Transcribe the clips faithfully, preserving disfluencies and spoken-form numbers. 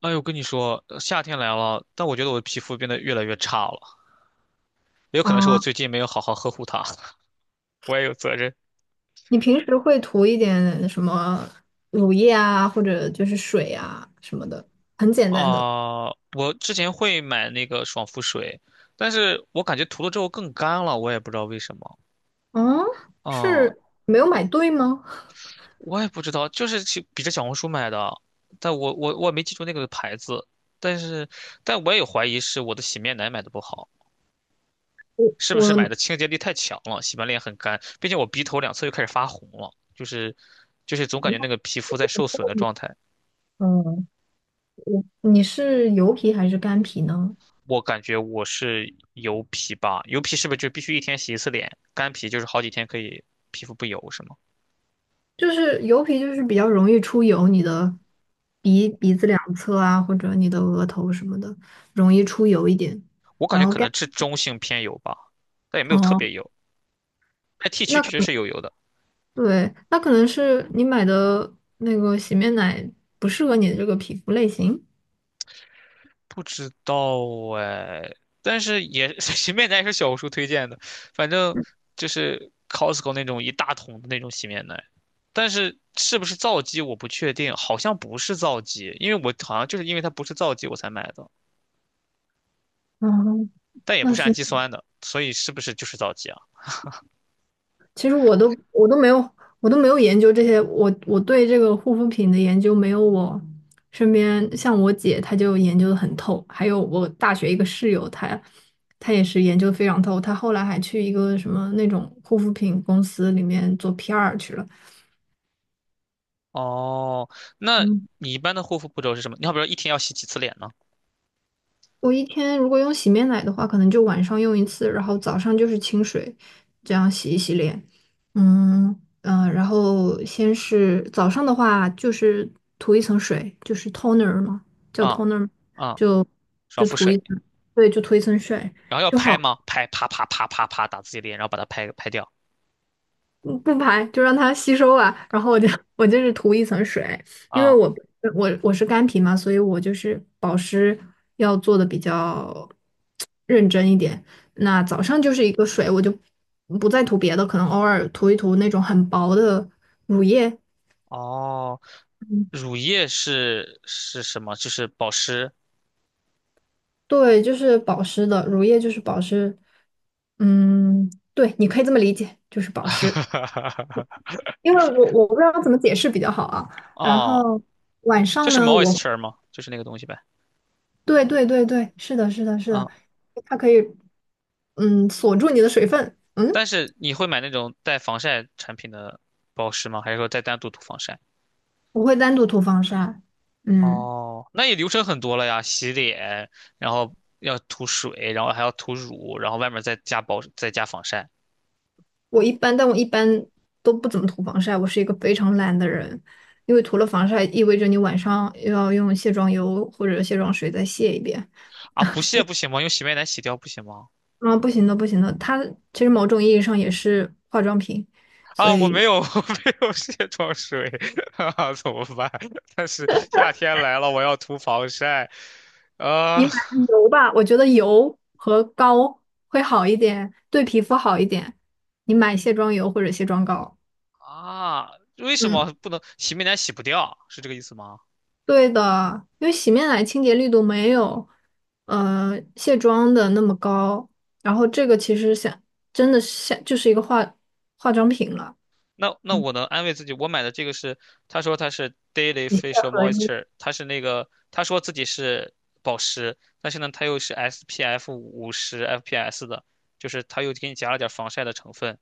哎呦，跟你说，呃夏天来了，但我觉得我的皮肤变得越来越差了，也有可能是我啊，最近没有好好呵护它，我也有责任。你平时会涂一点什么乳液啊，或者就是水啊什么的，很简单的。啊、我之前会买那个爽肤水，但是我感觉涂了之后更干了，我也不知道为什么。嗯，嗯，是没有买对吗？我也不知道，就是去比着小红书买的，但我我我没记住那个牌子，但是但我也有怀疑是我的洗面奶买的不好。是不是买我，的清洁力太强了，洗完脸很干，并且我鼻头两侧又开始发红了，就是就是总感觉那个皮肤在受损的状态。嗯，我，你是油皮还是干皮呢？我感觉我是油皮吧，油皮是不是就必须一天洗一次脸？干皮就是好几天可以，皮肤不油是吗？就是油皮就是比较容易出油，你的鼻鼻子两侧啊，或者你的额头什么的，容易出油一点。我感然觉后可干，能是中性偏油吧，但也没有特哦，别油。那 T 区那确实可是有油的，对，那可能是你买的那个洗面奶不适合你的这个皮肤类型。不知道哎，但是也 洗面奶也是 小红书推荐的，反正就是 Costco 那种一大桶的那种洗面奶。但是是不是皂基我不确定，好像不是皂基，因为我好像就是因为它不是皂基我才买的，嗯，但也不那是氨是，基酸的，所以是不是就是皂基啊？其实我都我都没有，我都没有研究这些，我我对这个护肤品的研究没有，我身边像我姐，她就研究的很透，还有我大学一个室友，她她也是研究得非常透，她后来还去一个什么那种护肤品公司里面做 P R 去了。哦，那嗯，你一般的护肤步骤是什么？你好比说一天要洗几次脸呢？我一天如果用洗面奶的话，可能就晚上用一次，然后早上就是清水，这样洗一洗脸。嗯嗯、呃然后先是早上的话，就是涂一层水，就是 toner 嘛，叫 啊、toner，啊、就少就肤涂水，一层，对，就涂一层水。然后要就拍好。吗？拍，啪啪啪啪啪打自己脸，然后把它拍拍掉。嗯，不排，就让它吸收啊。然后我就 我就是涂一层水，因为啊、我我我是干皮嘛，所以我就是保湿要做的比较认真一点。那早上就是一个水，我就不再涂别的，可能偶尔涂一涂那种很薄的乳液。哦，嗯，乳液是是什么？就是保湿。对，就是保湿的，乳液就是保湿。嗯，对，你可以这么理解，就是保湿。因为我我不知道怎么解释比较好啊。然哦，后晚就上是 呢，我 moisture 吗？就是那个东西呗。对对对对，是的，是的，是的，嗯、它可以嗯锁住你的水分。嗯，但是你会买那种带防晒产品的保湿吗？还是说再单独涂防晒？我会单独涂防晒。嗯，哦，那也流程很多了呀，洗脸，然后要涂水，然后还要涂乳，然后外面再加保，再加防晒。我一般，但我一般都不怎么涂防晒，我是一个非常懒的人，因为涂了防晒意味着你晚上又要用卸妆油或者卸妆水再卸一遍。啊，不卸不行吗？用洗面奶洗掉不行吗？啊，不行的，不行的，它其实某种意义上也是化妆品，所啊，我没以有，我没有卸妆水，哈哈，怎么办？但是夏天来了，我要涂防晒，你啊买油吧，我觉得油和膏会好一点，对皮肤好一点。你买卸妆油或者卸妆膏。啊，为什嗯，么不能洗面奶洗不掉？是这个意思吗？对的，因为洗面奶清洁力度没有，呃，卸妆的那么高。然后这个其实想，真的是像就是一个化化妆品了。那那嗯，我能安慰自己，我买的这个是，他说他是 Daily 一卸 Facial 合一。Moisture，他是那个他说自己是保湿，但是呢，它又是 S P F 五十 F P S 的，就是他又给你加了点防晒的成分。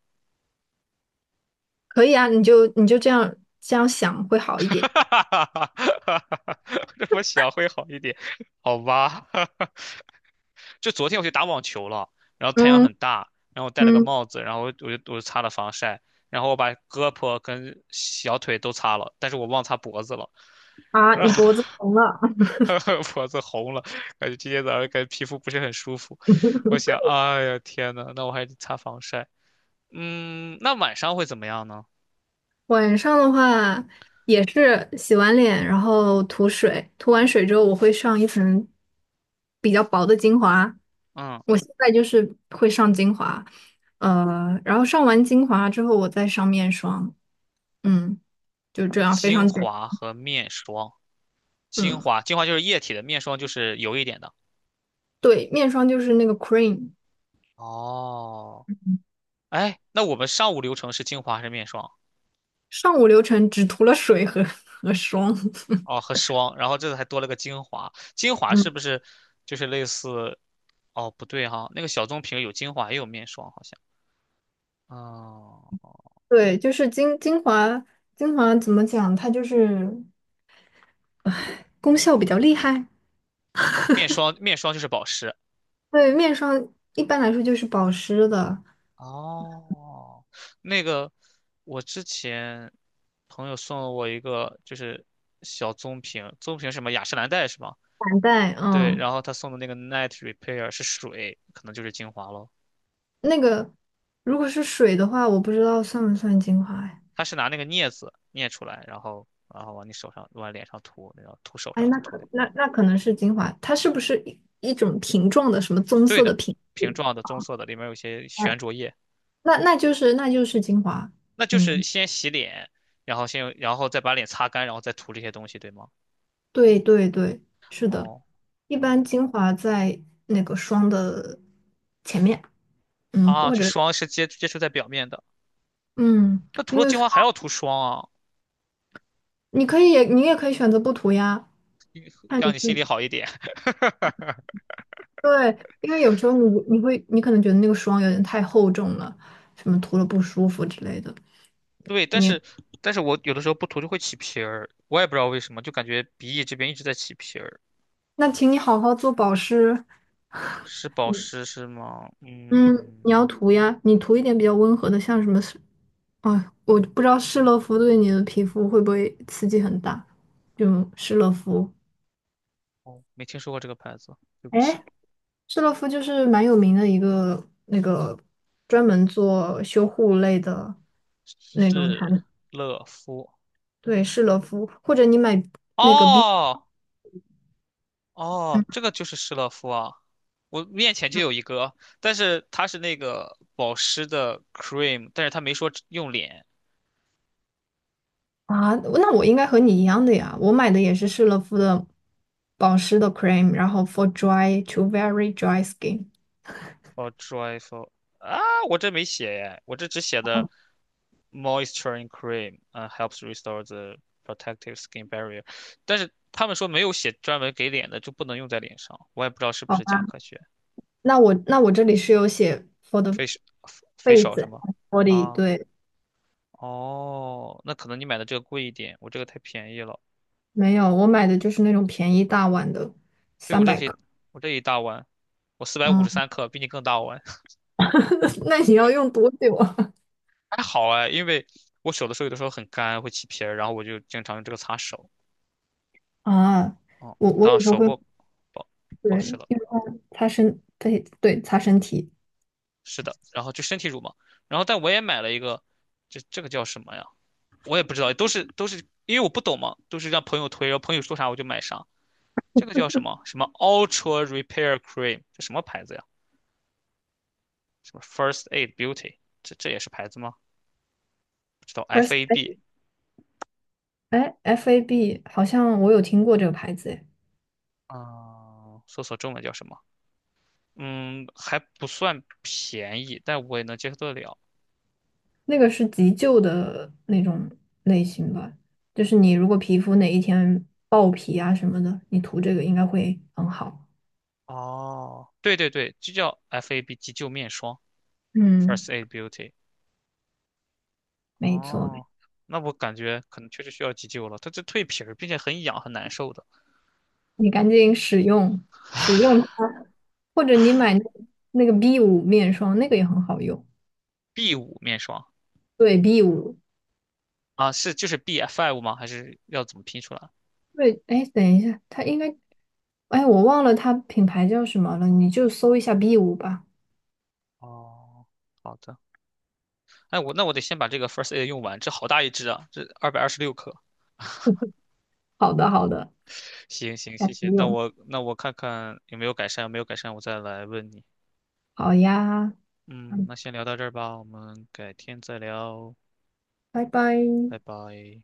可以啊，你就你就这样这样想会 好一哈点。哈哈哈哈！这么想会好一点，好吧？就昨天我去打网球了，然后太阳嗯很大，然后我戴了个嗯，帽子，然后我就我就擦了防晒，然后我把胳膊跟小腿都擦了，但是我忘擦脖子了。啊。你脖子 疼了，脖子红了，感觉今天早上感觉皮肤不是很舒服。我想，哎呀，天呐，那我还得擦防晒。嗯，那晚上会怎么样呢？晚上的话也是洗完脸，然后涂水，涂完水之后我会上一层比较薄的精华。嗯，我现在就是会上精华，呃，然后上完精华之后我再上面霜，嗯，就这样非精常简，华和面霜，精嗯，华，精华就是液体的，面霜就是油一点的。对，面霜就是那个 cream，哦，哎，那我们上午流程是精华还是面霜？上午流程只涂了水和 和霜。哦，和霜，然后这次还多了个精华。精华是嗯，不是就是类似？哦，不对哈，那个小棕瓶有精华也有面霜，好像。哦，对，就是精精华，精华怎么讲？它就是功效比较厉害，面霜面霜就是保湿，对，面霜一般来说就是保湿的。哦，那个我之前朋友送了我一个，就是小棕瓶，棕瓶是什么雅诗兰黛是吗？散带，对，嗯，然后他送的那个 Night Repair 是水，可能就是精华咯。那个如果是水的话，我不知道算不算精华哎。他是拿那个镊子镊出来，然后然后往你手上往脸上涂，然后涂手哎，上那再涂脸。可那那可能是精华，它是不是一一种瓶状的什么棕对色的的，瓶瓶子？状的棕色的，里面有一些哎，悬浊液，那那就是那就是精华，那就是嗯，先洗脸，然后先用然后再把脸擦干，然后再涂这些东西，对吗？对对对，是的，哦一般哦精华在那个霜的前面，嗯，啊，或就者霜是接接触在表面的。嗯，那涂因了为精霜华还要涂霜啊，你可以你也可以选择不涂呀，看让你你自心己。里好一点。对，因为有时候你你会你可能觉得那个霜有点太厚重了，什么涂了不舒服之类的。对，但你是但是我有的时候不涂就会起皮儿，我也不知道为什么，就感觉鼻翼这边一直在起皮儿。那请你好好做保湿，是保湿是吗？嗯，你嗯，要涂呀，你涂一点比较温和的，像什么是，哎我不知道施乐肤对你的皮肤会不会刺激很大，就施乐肤。哦，没听说过这个牌子，对不起。哎，施乐肤就是蛮有名的一个那个专门做修护类的那种产是品，乐肤。对，施乐肤，或者你买那个 B。哦哦，这个就是施乐肤啊，我面前就有一个，但是它是那个保湿的 cream，但是它没说用脸。啊，那我应该和你一样的呀，我买的也是施乐肤的保湿的 cream，然后 for dry to very dry skin。for joyful 啊，我这没写耶，我这只写的 moisturizing cream，嗯，helps restore the protective skin barrier，但是他们说没有写专门给脸的就不能用在脸上，我也不知道是不好是吧，假科学。那我那我这里是有写 for the facial facial face a 是 n 吗？body，啊，对，哦，那可能你买的这个贵一点，我这个太便宜了。没有，我买的就是那种便宜大碗的，对，我三这百些，克。我这一大碗，我四百五十嗯，三克，比你更大碗，那你要用多久啊？还好哎，因为我手的时候有的时候很干，会起皮儿，然后我就经常用这个擦手。啊，哦，我我当有时候手会部保保湿对了。用它擦身，对对擦身体。是的，然后就身体乳嘛，然后但我也买了一个，这这个叫什么呀？我也不知道，都是都是因为我不懂嘛，都是让朋友推，然后朋友说啥我就买啥。这个叫什么什么 Ultra Repair Cream，这什么牌子呀？什么 First Aid Beauty，这这也是牌子吗？不知道 First，F A B 哎，F A B 好像我有听过这个牌子，哎。啊，搜索中文叫什么？嗯，还不算便宜，但我也能接受得了。那个是急救的那种类型吧，就是你如果皮肤哪一天爆皮啊什么的，你涂这个应该会很好。哦，对对对，就叫 F A B 急救面霜，嗯，First Aid Beauty。没错，哦，那我感觉可能确实需要急救了。它这蜕皮儿，并且很痒，很难受的。你赶紧使用使用它，或者你买那那个 B 五面霜，那个也很好用。B 五面霜对 B 五，啊，是就是 B five 吗？还是要怎么拼出来？对，哎，等一下，它应该，哎，我忘了它品牌叫什么了，你就搜一下 B 五吧。哦，好的。哎，我那我得先把这个 First Aid 用完，这好大一支啊，这二百二十六克。好的，好的，行行，下谢次谢。那用。我那我看看有没有改善，没有改善我再来问你。好呀，嗯，嗯，那先聊到这儿吧，我们改天再聊，拜拜。拜拜。